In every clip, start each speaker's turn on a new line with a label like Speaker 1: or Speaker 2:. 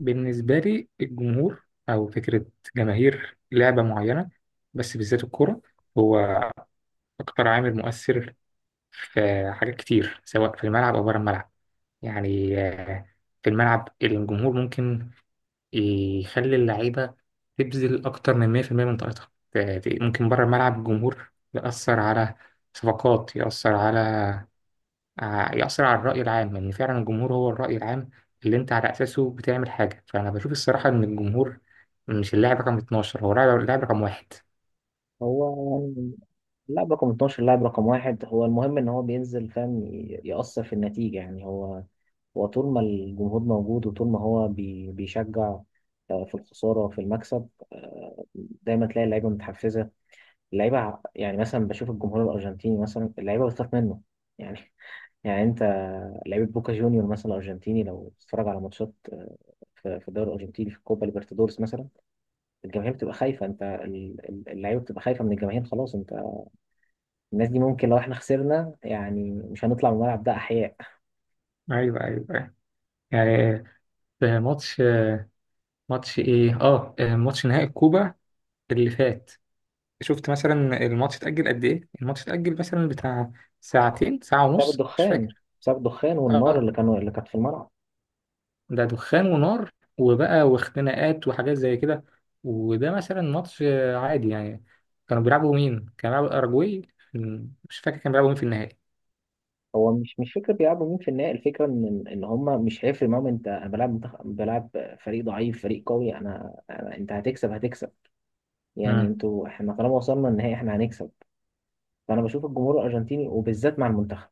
Speaker 1: بالنسبة لي الجمهور أو فكرة جماهير لعبة معينة، بس بالذات الكرة، هو أكتر عامل مؤثر في حاجات كتير سواء في الملعب أو بره الملعب. يعني آه، في الملعب الجمهور ممكن يخلي اللعيبة تبذل أكتر من 100% من طاقتها، ممكن بره الملعب الجمهور يأثر على صفقات، يأثر على يأثر على الرأي العام، لأن فعلا الجمهور هو الرأي العام اللي أنت على أساسه بتعمل حاجة. فأنا بشوف الصراحة إن الجمهور مش اللاعب رقم 12، هو اللاعب رقم واحد.
Speaker 2: هو يعني اللاعب رقم 12 اللاعب رقم واحد هو المهم ان هو بينزل فاهم يأثر في النتيجة. يعني هو طول ما الجمهور موجود وطول ما هو بيشجع، في الخسارة وفي المكسب، دايما تلاقي اللعيبة متحفزة. يعني مثلا بشوف الجمهور الأرجنتيني، مثلا اللعيبة بتخاف منه يعني. يعني انت، لعيبة بوكا جونيور مثلا الأرجنتيني، لو تتفرج على ماتشات، في الدوري الأرجنتيني، في الكوبا ليبرتادورس مثلا، الجماهير بتبقى خايفة. اللعيبة بتبقى خايفة من الجماهير، خلاص. انت الناس دي ممكن لو احنا خسرنا يعني مش هنطلع من الملعب ده احياء،
Speaker 1: أيوه، أيوه، أيوه، يعني في ماتش إيه؟ آه، ماتش نهائي الكوبا اللي فات. شفت مثلا الماتش اتأجل قد إيه؟ الماتش اتأجل مثلا بتاع ساعتين، ساعة
Speaker 2: بسبب
Speaker 1: ونص، مش
Speaker 2: الدخان،
Speaker 1: فاكر.
Speaker 2: بسبب الدخان والنار
Speaker 1: آه،
Speaker 2: اللي كانت في الملعب.
Speaker 1: ده دخان ونار وبقى واختناقات وحاجات زي كده. وده مثلا ماتش عادي يعني. كانوا بيلعبوا مين؟ كانوا بيلعبوا الأرجواي، مش فاكر كانوا بيلعبوا مين في النهائي.
Speaker 2: هو مش فكره بيلعبوا مين في النهائي، الفكره ان هم مش هيفرق معاهم. انت انا بلعب فريق ضعيف، فريق قوي، أنا انت هتكسب هتكسب يعني.
Speaker 1: مم.
Speaker 2: انتوا احنا طالما وصلنا النهائي احنا هنكسب. فانا بشوف الجمهور الارجنتيني، وبالذات مع المنتخب،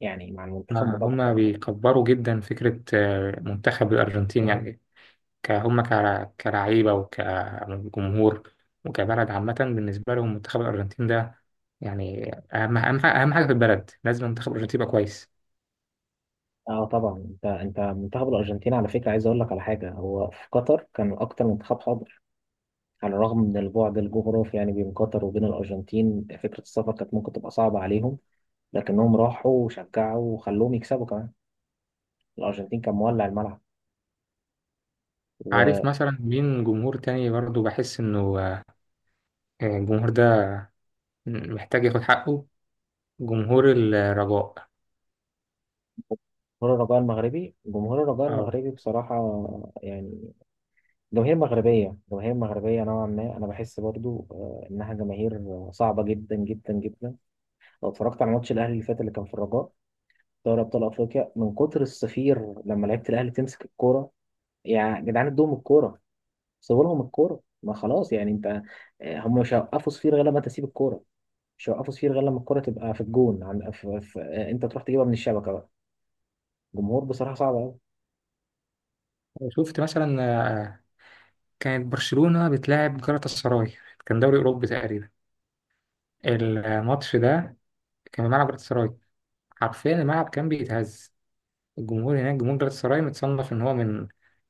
Speaker 2: يعني مع المنتخب الموضوع
Speaker 1: هما
Speaker 2: مختلف.
Speaker 1: بيكبروا جدا فكرة منتخب الأرجنتين يعني. هما كلعيبة وكجمهور وكبلد عامة، بالنسبة لهم منتخب الأرجنتين ده يعني أهم حاجة، أهم حاجة في البلد، لازم منتخب الأرجنتين يبقى كويس.
Speaker 2: اه طبعا، انت منتخب الارجنتين على فكره، عايز اقول لك على حاجه، هو في قطر كان اكتر منتخب حاضر على الرغم من البعد الجغرافي يعني بين قطر وبين الأرجنتين. فكرة السفر كانت ممكن تبقى صعبة عليهم، لكنهم راحوا وشجعوا وخلوهم يكسبوا كمان. الأرجنتين كان مولع الملعب
Speaker 1: عارف
Speaker 2: وجمهور.
Speaker 1: مثلا مين جمهور تاني برضه بحس إنه الجمهور ده محتاج ياخد حقه؟ جمهور الرجاء.
Speaker 2: الرجاء المغربي، جمهور الرجاء
Speaker 1: اه.
Speaker 2: المغربي بصراحة يعني، جماهير مغربية، جماهير مغربية نوعا ما، أنا بحس برضو إنها جماهير صعبة جدا جدا جدا. لو اتفرجت على ماتش الأهلي اللي فات اللي كان في الرجاء، دوري أبطال أفريقيا، من كتر الصفير لما لعيبة الأهلي تمسك الكورة. يا جدعان ادوهم الكورة، سيبوا لهم الكوره، ما خلاص يعني. انت هم مش هيوقفوا صفير غير لما تسيب الكوره، مش هيوقفوا صفير غير لما الكوره تبقى في الجون، عن في انت تروح تجيبها من الشبكه بقى. جمهور بصراحه صعب قوي.
Speaker 1: شفت مثلا، آه، كانت برشلونة بتلاعب جالاتا سراي، كان دوري أوروبي تقريبا. الماتش ده كان في ملعب جالاتا سراي، حرفيا الملعب كان بيتهز. الجمهور هناك، جمهور جالاتا سراي، متصنف إن هو من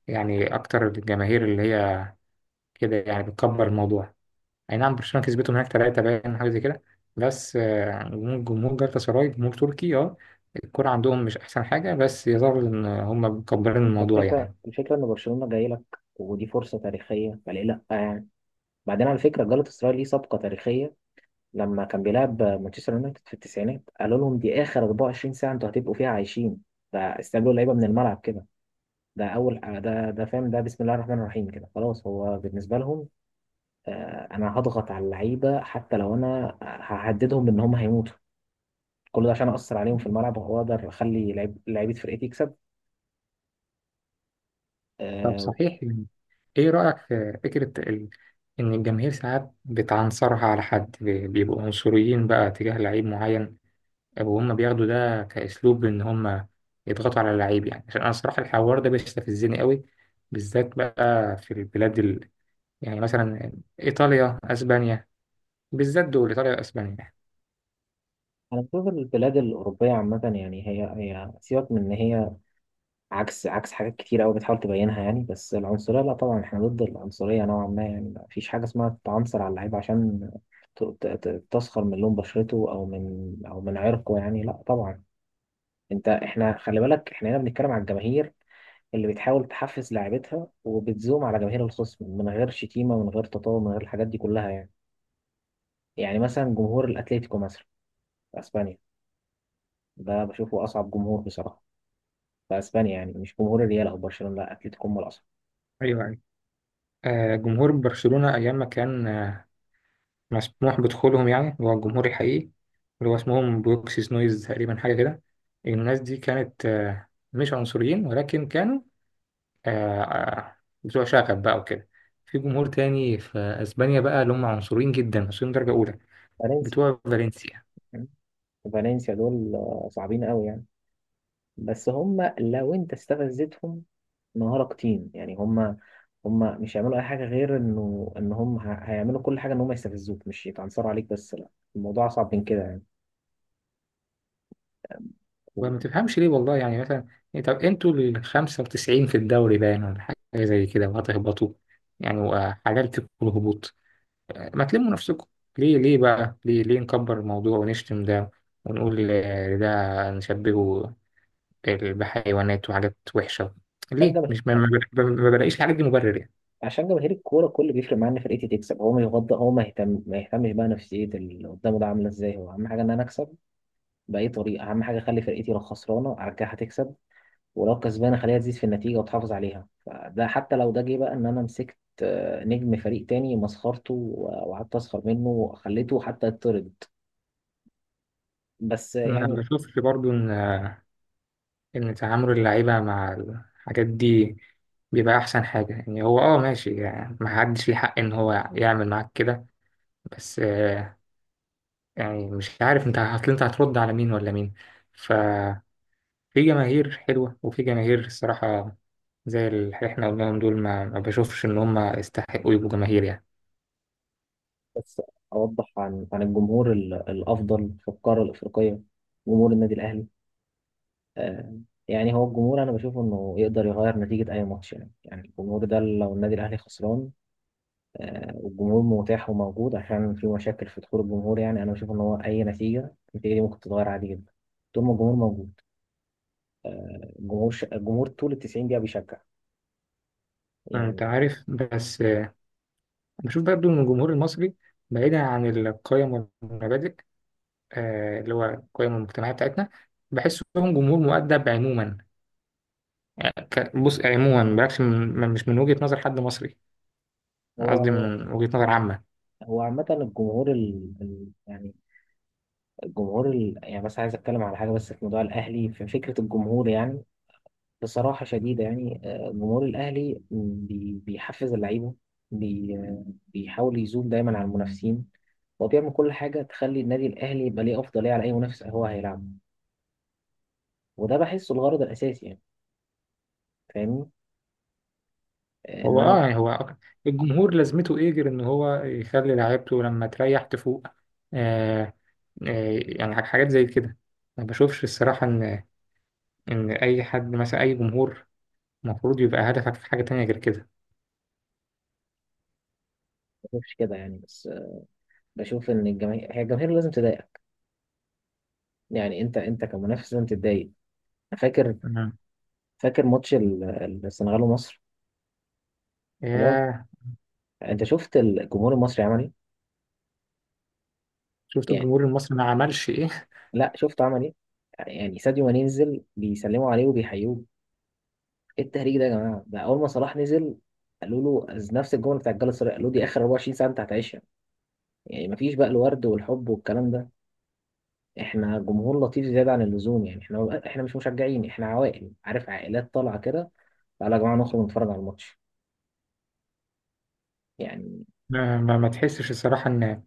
Speaker 1: يعني أكتر الجماهير اللي هي كده يعني بتكبر الموضوع. اي نعم برشلونه كسبته هناك 3 باين، حاجه زي كده، بس جمهور جالاتا سراي جمهور تركي، اه، الكوره عندهم مش احسن حاجه، بس يظهر ان هم مكبرين
Speaker 2: انت
Speaker 1: الموضوع
Speaker 2: الفكره
Speaker 1: يعني.
Speaker 2: الفكره ان برشلونه جاي لك، ودي فرصه تاريخيه، فليه لا يعني؟ بعدين على فكره جالاتا سراي ليه سابقه تاريخيه. لما كان بيلعب مانشستر يونايتد في التسعينات قالوا لهم دي اخر 24 ساعه انتوا هتبقوا فيها عايشين. فاستقبلوا اللعيبه من الملعب كده. ده فاهم، ده بسم الله الرحمن الرحيم كده، خلاص هو بالنسبه لهم، انا هضغط على اللعيبه حتى لو انا ههددهم ان هم هيموتوا. كل ده عشان اثر عليهم في الملعب واقدر اخلي لعيبه فرقتي تكسب،
Speaker 1: طب
Speaker 2: آه،
Speaker 1: صحيح، ايه رايك في فكره ال... ان الجماهير ساعات بتعنصرها على حد، بيبقوا عنصريين بقى تجاه لعيب معين، وهم بياخدوا ده كاسلوب ان هم يضغطوا على اللعيب. يعني عشان انا الصراحه الحوار ده بيستفزني قوي، بالذات بقى في البلاد ال... يعني مثلا ايطاليا، اسبانيا، بالذات دول، إيطاليا وأسبانيا يعني.
Speaker 2: انا بشوف البلاد الاوروبيه عامه يعني، هي سيبك من ان هي عكس، عكس حاجات كتير قوي بتحاول تبينها يعني. بس العنصريه لا طبعا، احنا ضد العنصريه نوعا ما يعني. مفيش حاجه اسمها تعنصر على اللعيب عشان تسخر من لون بشرته او من عرقه، يعني لا طبعا. انت احنا خلي بالك احنا هنا بنتكلم على الجماهير اللي بتحاول تحفز لاعيبتها وبتزوم على جماهير الخصم، من غير شتيمة ومن غير تطاول، من غير الحاجات دي كلها يعني. يعني مثلا جمهور الأتليتيكو مثلا في أسبانيا، ده بشوفه أصعب جمهور بصراحة في أسبانيا، يعني مش جمهور الريال أو برشلونة، لا أتليتيكو هم الأصعب.
Speaker 1: ايوه، ايوه. آه، جمهور برشلونة أيام ما كان مسموح بدخولهم، يعني اللي هو الجمهور الحقيقي، اللي هو اسمهم بروكسيز نويز تقريبا، حاجة كده، الناس دي كانت مش عنصريين، ولكن كانوا آه، آه، بتوع شغب بقى وكده. في جمهور تاني في أسبانيا بقى اللي هم عنصريين جدا، عنصريين درجة أولى،
Speaker 2: فالنسيا،
Speaker 1: بتوع فالنسيا.
Speaker 2: فالنسيا دول صعبين قوي يعني. بس هم لو أنت استفزتهم نهارك تيم، يعني هم مش هيعملوا أي حاجة غير إن هم هيعملوا كل حاجة إن هم يستفزوك، مش يتعنصروا عليك بس، لا الموضوع أصعب من كده يعني.
Speaker 1: وما تفهمش ليه والله. يعني مثلا إيه، طب انتوا ال 95 في الدوري باين ولا حاجة زي كده وهتهبطوا يعني، وحلال فيكم الهبوط، ما تلموا نفسكم. ليه؟ ليه بقى؟ ليه ليه نكبر الموضوع ونشتم ده، ونقول ده نشبهه بحيوانات وحاجات وحشة؟
Speaker 2: كان
Speaker 1: ليه؟ مش ما بلاقيش الحاجات دي مبرر يعني.
Speaker 2: عشان جماهير الكوره كل بيفرق معاه ان فرقتي تكسب، هو ما يغض، هو ما يهتم ما يهتمش بقى نفسيه اللي قدامه ده عامله ازاي. هو اهم حاجه ان انا اكسب باي طريقه. اهم حاجه اخلي فرقتي، لو خسرانه ارجعها تكسب، ولو كسبانه اخليها تزيد في النتيجه وتحافظ عليها. فده حتى لو ده جه بقى ان انا مسكت نجم فريق تاني مسخرته وقعدت اسخر منه وخليته حتى يطرد، بس
Speaker 1: ما
Speaker 2: يعني.
Speaker 1: بشوفش برضو ان ان تعامل اللعيبة مع الحاجات دي بيبقى احسن حاجة. يعني هو اه ماشي، يعني ما حدش ليه حق ان هو يعمل معاك كده، بس يعني مش عارف انت هتل انت هترد على مين ولا مين. ف في جماهير حلوة وفي جماهير الصراحة زي اللي احنا قلناهم دول ما بشوفش إن هم يستحقوا يبقوا جماهير يعني.
Speaker 2: بس اوضح عن عن الجمهور الافضل في القاره الافريقيه، جمهور النادي الاهلي، آه. يعني هو الجمهور انا بشوف انه يقدر يغير نتيجة اي ماتش يعني. يعني الجمهور ده لو النادي الاهلي خسران، والجمهور متاح وموجود، عشان في مشاكل في دخول الجمهور يعني، انا بشوف ان هو اي نتيجة، النتيجة دي ممكن تتغير عادي جدا طول ما الجمهور موجود. الجمهور طول ال 90 دقيقة بيشجع
Speaker 1: أنت
Speaker 2: يعني.
Speaker 1: عارف بس، بشوف برضو إن الجمهور المصري، بعيدا عن القيم والمبادئ، اللي هو القيم المجتمعية بتاعتنا، بحسهم جمهور مؤدب عموما. يعني بص، يعني عموما بلاش من مش من وجهة نظر حد مصري، أنا
Speaker 2: هو
Speaker 1: قصدي
Speaker 2: هو
Speaker 1: من وجهة نظر عامة.
Speaker 2: هو عامة، يعني، يعني بس عايز اتكلم على حاجة بس في موضوع الاهلي، في فكرة الجمهور يعني. بصراحة شديدة يعني، جمهور الأهلي بيحفز اللعيبة، بيحاول يزوم دايما على المنافسين، وبيعمل كل حاجة تخلي النادي الأهلي يبقى ليه أفضلية على أي منافس هو هيلعبه، وده بحسه الغرض الأساسي يعني. فاهمني؟ إن
Speaker 1: هو
Speaker 2: أنا
Speaker 1: اه
Speaker 2: ما
Speaker 1: يعني هو الجمهور لازمته ايه غير ان هو يخلي لعيبته لما تريح تفوق؟ آه، يعني حاجات زي كده. ما بشوفش الصراحة إن إن أي حد مثلا، أي جمهور، المفروض يبقى هدفك في حاجة تانية غير كده.
Speaker 2: بشوفش كده يعني. بس بشوف إن الجماهير، هي الجماهير لازم تضايق يعني. أنت أنت كمنافس لازم تتضايق. أنا فاكر
Speaker 1: مم.
Speaker 2: فاكر ماتش السنغال ومصر. خلاص،
Speaker 1: ياه.
Speaker 2: أنت شفت الجمهور المصري عمل إيه؟
Speaker 1: شفت
Speaker 2: يعني
Speaker 1: الجمهور المصري ما عملش إيه.
Speaker 2: لا، شفت عمل إيه؟ يعني ساديو ماني ينزل بيسلموا عليه وبيحيوه. ايه التهريج ده يا جماعه؟ ده اول ما صلاح نزل قالوا له نفس الجمله بتاع الجلاله السراي، قالوا دي اخر 24 ساعه انت هتعيشها. يعني مفيش بقى الورد والحب والكلام ده. احنا جمهور لطيف زياده عن اللزوم يعني. احنا مش مشجعين، احنا عوائل، عارف، عائلات طالعه كده، تعالى يا جماعه نخرج نتفرج على الماتش يعني.
Speaker 1: ما تحسش الصراحة إن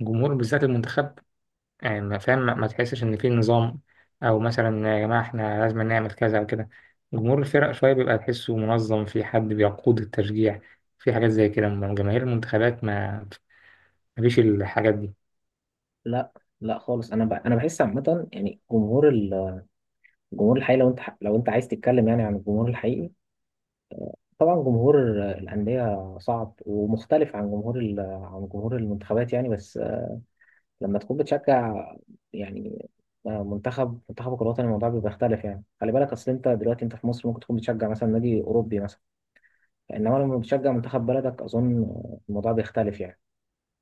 Speaker 1: الجمهور، بالذات المنتخب، يعني ما فاهم، ما تحسش إن في نظام، أو مثلا يا جماعة إحنا لازم نعمل كذا أو كده؟ جمهور الفرق شوية بيبقى تحسه منظم، في حد بيقود التشجيع، في حاجات زي كده، أما جماهير المنتخبات ما فيش الحاجات دي.
Speaker 2: لا لا خالص. انا بحس عامه يعني جمهور الجمهور الحقيقي، لو انت لو انت عايز تتكلم يعني عن الجمهور الحقيقي، طبعا جمهور الانديه صعب ومختلف عن عن جمهور المنتخبات يعني. بس لما تكون بتشجع يعني منتخبك الوطني، الموضوع بيختلف يعني. خلي بالك، اصل انت دلوقتي انت في مصر ممكن تكون بتشجع مثلا نادي اوروبي مثلا، انما لما بتشجع منتخب بلدك، اظن الموضوع بيختلف يعني.